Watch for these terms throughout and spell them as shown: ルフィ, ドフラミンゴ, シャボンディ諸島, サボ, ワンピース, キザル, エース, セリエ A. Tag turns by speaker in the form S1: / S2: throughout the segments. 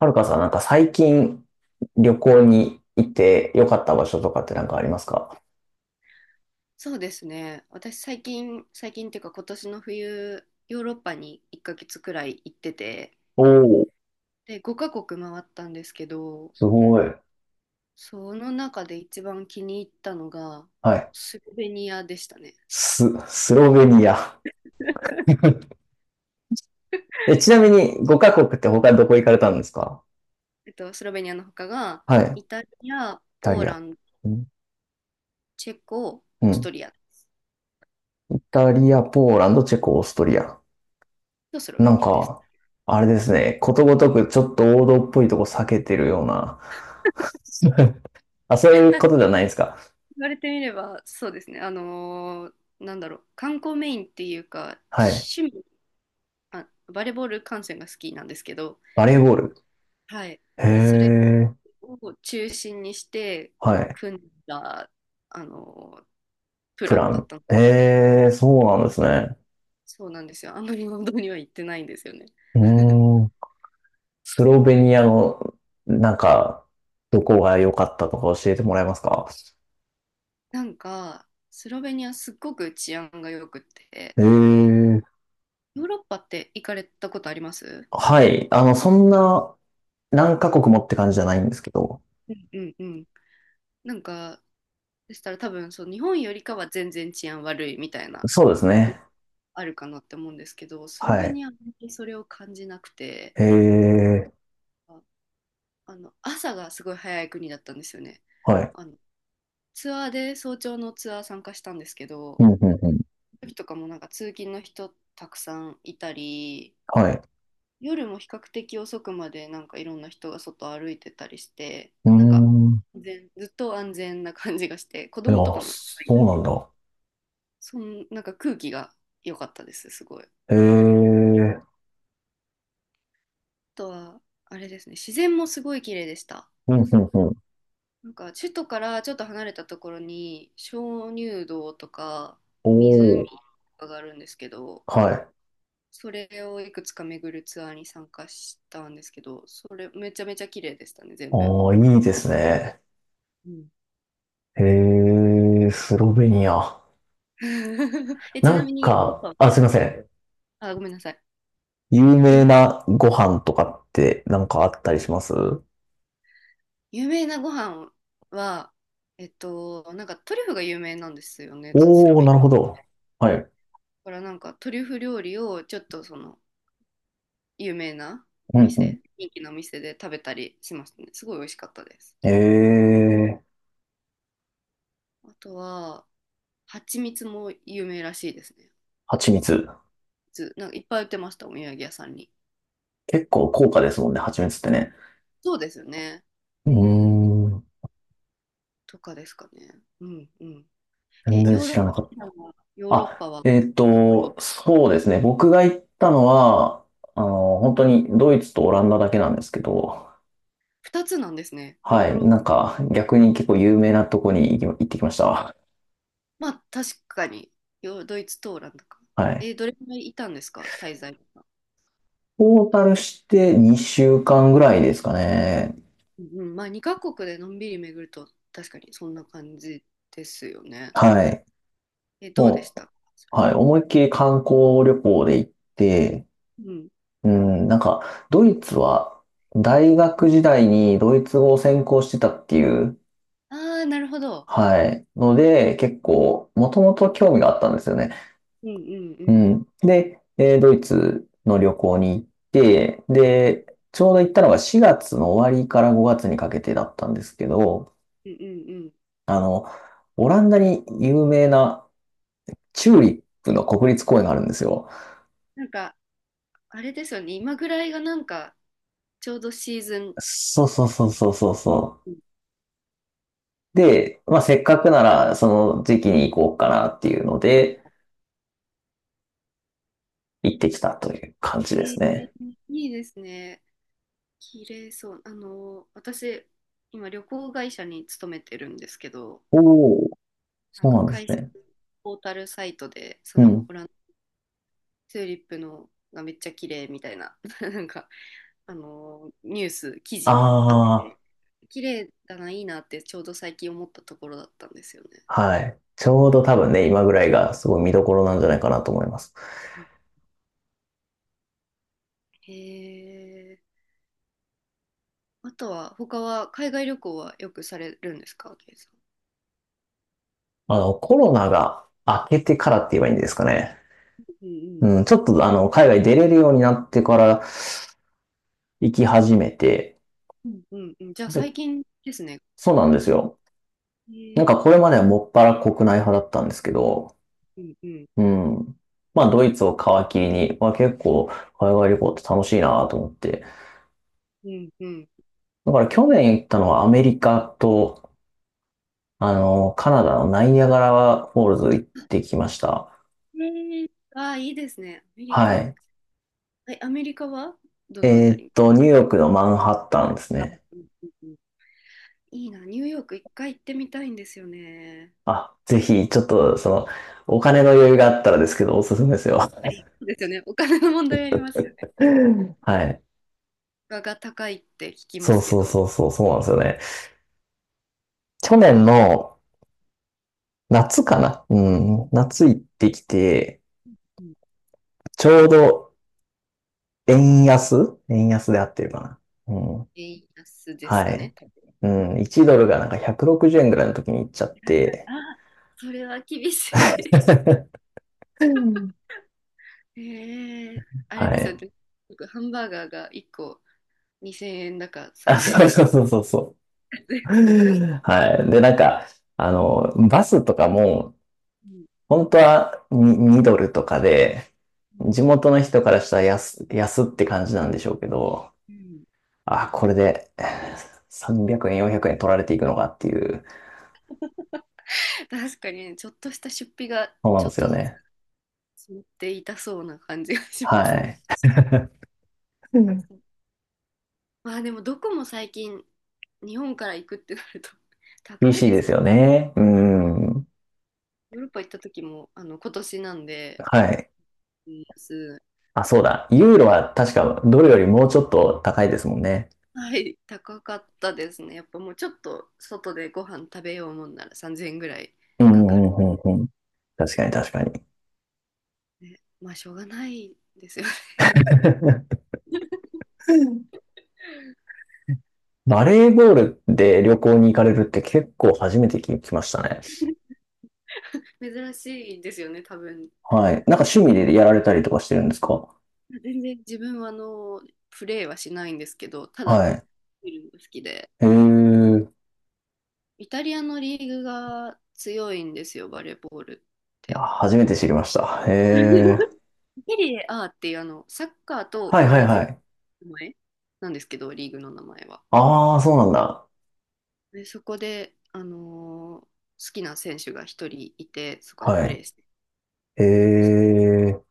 S1: はるかさん、なんか最近旅行に行って良かった場所とかってなんかありますか？
S2: そうですね。私最近、最近っていうか今年の冬、ヨーロッパに1ヶ月くらい行ってて、
S1: おおー、
S2: で、5カ国回ったんですけど、
S1: すごい。
S2: その中で一番気に入ったのが、
S1: はい。
S2: スロベニアでしたね。
S1: スロベニア。え、ちなみに5カ国って他どこ行かれたんですか？
S2: スロベニアの他が、
S1: はい。
S2: イ
S1: イ
S2: タリア、
S1: タ
S2: ポー
S1: リア。
S2: ランド、
S1: うん
S2: チェコ、
S1: う
S2: オース
S1: ん。
S2: トリア
S1: イタリア、ポーランド、チェコ、オーストリア。
S2: とスロ
S1: な
S2: ベ
S1: ん
S2: ニアです。
S1: か、あれですね。ことごとくちょっと王道っぽいとこ避けてるような。あ、そうい う
S2: ただ
S1: ことじゃないですか。
S2: 言われてみれば、そうですね。なんだろう、観光メインっていうか、
S1: はい。
S2: あ、バレーボール観戦が好きなんですけど、
S1: バレーボール。
S2: はい。
S1: へ
S2: それ
S1: え。
S2: を中心にして
S1: はい。
S2: 組んだ、あの、プ
S1: プ
S2: ラ
S1: ラ
S2: ンだっ
S1: ン。
S2: たので、
S1: へえ、そうなんですね。
S2: そうなんですよ。あんまり運動には行ってないんですよね。
S1: う ーん。スロベニアの、なんか、どこが良かったとか教えてもらえますか？
S2: なんか、スロベニアすっごく治安が良くて、
S1: へえ。
S2: ヨーロッパって行かれたことあります？
S1: はい。そんな、何カ国もって感じじゃないんですけど。
S2: うんうんうん。なんか、でしたら多分そう、日本よりかは全然治安悪いみたいな、
S1: そうですね。
S2: あるかなって思うんですけど、スロ
S1: は
S2: ベ
S1: い。
S2: ニアはあんまりそれを感じなくて、
S1: へえ。
S2: ああの朝がすごい早い国だったんですよね。
S1: はい。
S2: あのツアーで早朝のツアー参加したんですけど、
S1: うん、うん、うん。
S2: 時とかもなんか通勤の人たくさんいたり、
S1: はい。
S2: 夜も比較的遅くまでなんかいろんな人が外歩いてたりして、
S1: うー
S2: なんか
S1: ん。い
S2: 全ずっと安全な感じがして、子
S1: や、
S2: 供とかもいっ
S1: そ
S2: ぱいいた
S1: うなん
S2: し、
S1: だ。
S2: そんなんか空気が良かったです、すごい。あ
S1: へえ。
S2: とはあれですね、自然もすごい綺麗でした。
S1: うん、うん、うん。
S2: なんか首都からちょっと離れたところに鍾乳洞とか
S1: お
S2: 湖と
S1: お。
S2: かがあるんですけど、
S1: はい。
S2: それをいくつか巡るツアーに参加したんですけど、それめちゃめちゃ綺麗でしたね、全部。
S1: ああ、いいですね。
S2: うん
S1: へえ、スロベニア。
S2: え、ち
S1: な
S2: な
S1: ん
S2: みに、ヨー
S1: か、
S2: ロッパ
S1: あ、すいませ
S2: ど、
S1: ん。
S2: あ、ごめんなさい。
S1: 有
S2: よ
S1: 名なご飯とかってなんかあったりします？
S2: 有名なご飯は、なんかトリュフが有名なんですよね、スロ
S1: おー、
S2: ベニ
S1: なるほ
S2: ア。
S1: ど。
S2: だ
S1: はい。
S2: からなんかトリュフ料理をちょっとその有名なお
S1: うんう
S2: 店、人気のお店で食べたりしましたね。すごい美味しかったです。
S1: ん。えー、
S2: あとは、蜂蜜も有名らしいですね。
S1: 蜂蜜。
S2: ずなんかいっぱい売ってました、お土産屋さんに。
S1: 結構高価ですもんね、蜂蜜ってね。
S2: そうですよね。
S1: う
S2: うん
S1: ーん、
S2: とかですかね。うんうん。
S1: 全
S2: え、
S1: 然
S2: ヨーロ
S1: 知
S2: ッパ、
S1: らなかっ
S2: 普段
S1: た。
S2: はヨーロッ
S1: あ、
S2: パはどこに？
S1: そうですね。僕が行ったのは、本当にドイツとオランダだけなんですけど、
S2: 2 つなんですね、ヨ
S1: は
S2: ー
S1: い。
S2: ロッ
S1: な
S2: パ。
S1: んか、逆に結構有名なとこに行ってきました。
S2: まあ確かに、ヨードイツとオランダか。
S1: はい。
S2: え、どれくらいいたんですか、滞在とか。
S1: トータルして2週間ぐらいですかね。
S2: うんうん、まあ2カ国でのんびり巡ると確かにそんな感じですよね。
S1: はい。
S2: え、どうでし
S1: もう、
S2: たそれ？
S1: はい。思いっきり観光旅行で行って、
S2: うん。
S1: うん、なんか、ドイツは大学時代にドイツ語を専攻してたっていう、
S2: ああー、なるほど。
S1: はい。ので、結構、もともと興味があったんですよね。
S2: うんうんう
S1: う
S2: ん。
S1: ん。で、ドイツの旅行に行って、で、ちょうど行ったのが4月の終わりから5月にかけてだったんですけど、
S2: うんうんうん。
S1: あの、オランダに有名なチューリップの国立公園があるんですよ。
S2: なんか、あれですよね。今ぐらいがなんか、ちょうどシーズン。
S1: そうそうそうそうそうそ
S2: うん
S1: う。で、まあ、せっかくならその時期に行こうかなっていうの
S2: なるほ
S1: で、
S2: ど
S1: 行ってきたという感じ
S2: え
S1: です
S2: ー
S1: ね。
S2: いいですね。綺麗そう。あの、私、今旅行会社に勤めてるんですけど、
S1: おお、
S2: なん
S1: そう
S2: か
S1: なんです
S2: 会社
S1: ね。
S2: のポータルサイトで、そ
S1: う
S2: の
S1: ん。
S2: オランダチューリップのがめっちゃ綺麗みたいな、あのニュース、記事あって、
S1: あ
S2: 綺麗だな、いいなってちょうど最近思ったところだったんですよね。
S1: あ、はい。ちょうど多分ね、今ぐらいがすごい見どころなんじゃないかなと思います。
S2: うんへえ。あとは、他は海外旅行はよくされるんですか、ケイさ
S1: コロナが明けてか
S2: ん。う
S1: ら
S2: ん
S1: って言えばいいんですかね。
S2: うん
S1: うん、ちょっと海外出れるようになってから行き始めて、
S2: うんうんうん。じゃあ
S1: で、
S2: 最近ですね。
S1: そうなんですよ。なん
S2: へ
S1: か
S2: え。
S1: これまではもっぱら国内派だったんですけど、
S2: うんうん
S1: うん。まあドイツを皮切りに、まあ結構海外旅行って楽しいなと思って。
S2: うんうん。
S1: だから去年行ったのはアメリカと、カナダのナイニャガラフォールズ行ってきました。
S2: へえ。ああ、いいですね、アメリ
S1: は
S2: カ。
S1: い。
S2: え、アメリカはどのあたり？
S1: ニューヨークのマンハッタンです
S2: あ
S1: ね。
S2: うんうんうん、いいな、ニューヨーク一回行ってみたいんですよね。
S1: あ、ぜひ、ちょっと、お金の余裕があったらですけど、おすすめですよ。
S2: そうですよね。お金の問題あります？
S1: はい。
S2: 価が高いって聞きま
S1: そう
S2: すけ
S1: そうそう
S2: ど、
S1: そう、そうなんですよね。去
S2: な
S1: 年
S2: ん
S1: の、夏かな。うん。夏行ってきて、
S2: うん
S1: ちょうど円安円安で合ってるかな。うん。
S2: 円安です
S1: は
S2: かね、
S1: い。
S2: 多分。
S1: うん。1ドルがなんか160円ぐらいの時に行っちゃっ
S2: はいはい。
S1: て、
S2: あ、それは厳しい。
S1: うん、
S2: ええ、あれ
S1: は
S2: です
S1: い。
S2: よね。僕ハンバーガーが1個2000円だか
S1: あ、
S2: 3000
S1: そ
S2: 円
S1: う
S2: だか
S1: そうそうそうそ
S2: ですよね。
S1: う。はい。で、なんか、バスとかも、
S2: うん
S1: 本当は 2, ドルとかで、
S2: うん
S1: 地元の人からしたら安って感じなんでしょうけど、
S2: うん
S1: あ、これで300円、400円取られていくのかっていう、
S2: 確かにね、ちょっとした出費が
S1: そうな
S2: ち
S1: んで
S2: ょっ
S1: すよ
S2: とずつ
S1: ね。
S2: 積もっていたそうな感じがします
S1: は
S2: ね。
S1: い。う
S2: あ
S1: ん。
S2: そう、まあでもどこも最近日本から行くってなると
S1: 厳
S2: 高い
S1: しい
S2: で
S1: で
S2: す
S1: す
S2: よ
S1: よ
S2: ね。
S1: ね。うん。
S2: ヨーロッパ行った時もあの今年なんで
S1: はい。
S2: 円安。
S1: あ、そうだ。ユーロは確かドルよりもうちょっと高いですもんね。
S2: はい、高かったですね。やっぱもうちょっと外でご飯食べようもんなら3000円ぐらい
S1: うんう
S2: かかる。
S1: んうんうんうん。確かに確かに。
S2: ね、まあしょうがないですよね。
S1: バレーボールで旅行に行かれるって結構初めて聞きましたね。
S2: 珍しいですよね、多分。
S1: はい。なんか趣味でやられたりとかしてるんですか？
S2: 自分はあの、プレーはしないんですけど、た
S1: は
S2: だ
S1: い。
S2: 見るのが好きで。
S1: へえ。い
S2: イタリアのリーグが強いんですよ、バレーボールっ
S1: や、
S2: て。
S1: 初めて知りました。へえ。
S2: セリエ A っていうあの、サッカーと
S1: はい
S2: 同
S1: はいは
S2: じ
S1: い。
S2: 名前なんですけど、リーグの名前は。
S1: ああ、そうなんだ。
S2: で、そこで、好きな選手が一人いて、そこで
S1: は
S2: プレ
S1: い。
S2: ーして、
S1: へ
S2: そこ
S1: え。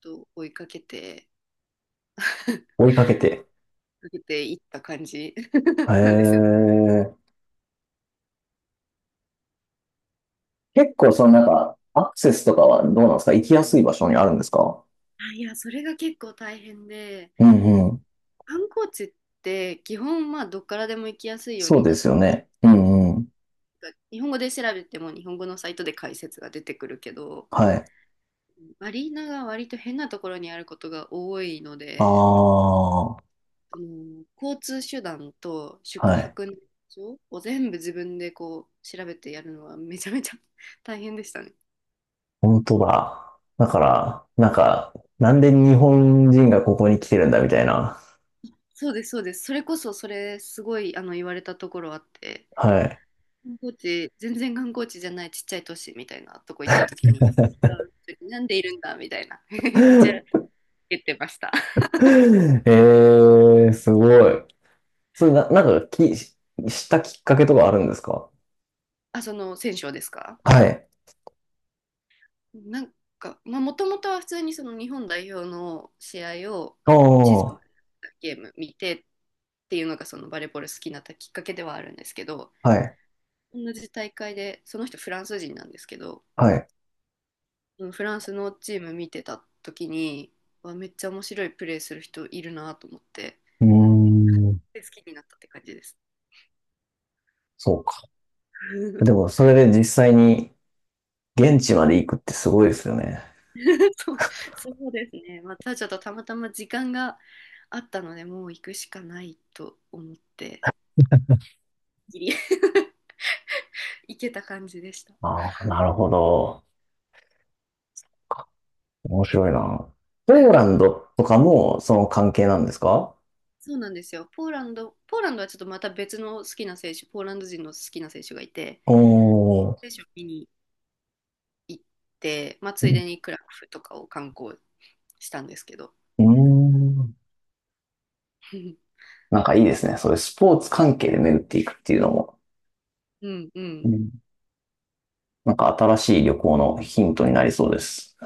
S2: と追いかけて、
S1: 追いかけて。
S2: 追いかけていった感じ
S1: へ
S2: なんですよね。
S1: え。結構そのなんか、アクセスとかはどうなんですか？行きやすい場所にあるんですか？
S2: いや、それが結構大変で、
S1: うんうん。
S2: 観光地って基本、まあ、どっからでも行きやすいよう
S1: そう
S2: に
S1: で
S2: なっ
S1: す
S2: た、
S1: よね。うんうん。
S2: 日本語で調べても日本語のサイトで解説が出てくるけど、
S1: はい。
S2: アリーナが割と変なところにあることが多いの
S1: あ
S2: で、
S1: あ、
S2: 交通手段と宿
S1: はい。
S2: 泊の場所を全部自分でこう調べてやるのはめちゃめちゃ 大変でしたね。
S1: 本当だ。だから、なんか、なんで日本人がここに来てるんだみたいな。
S2: そうです、そうです。それこそそれすごい言われたところあって、
S1: はい。
S2: 観光地、全然観光地じゃないちっちゃい都市みたいなとこ行った時に、この人はなんでいるんだみたいな、めっちゃ 言ってました。
S1: ええすごい。それな、なんかしたきっかけとかあるんですか？
S2: あ、その選手ですか？
S1: はい。
S2: なんか、まあ、もともとは普通にその日本代表の試合を地
S1: お
S2: 上波
S1: ー、
S2: でゲーム見てっていうのがそのバレーボール好きになったきっかけではあるんですけど、
S1: はい、
S2: 同じ大会で、その人フランス人なんですけど、
S1: はい。
S2: フランスのチーム見てた時に、わめっちゃ面白いプレーする人いるなと思って、
S1: うーん、
S2: 好きになったって感じです。
S1: そうか。でも、それで実際に現地まで行くってすごいですよね。
S2: そう、そうですね。またちょっとたまたま時間があったので、もう行くしかないと思って、ギリ 行けた感じでした。
S1: ああ、なるほど。面白いな。ポーランドとかもその関係なんですか？
S2: そうなんですよ。ポーランド、ポーランドはちょっとまた別の好きな選手、ポーランド人の好きな選手がいて、
S1: おー。
S2: 選手を見に行って、まあ、ついでにクラクフとかを観光したんですけど。
S1: うーん。なんかいいですね。そういうスポーツ関係で巡っていくっていうのも、
S2: うんう
S1: う
S2: ん。
S1: ん。なんか新しい旅行のヒントになりそうです。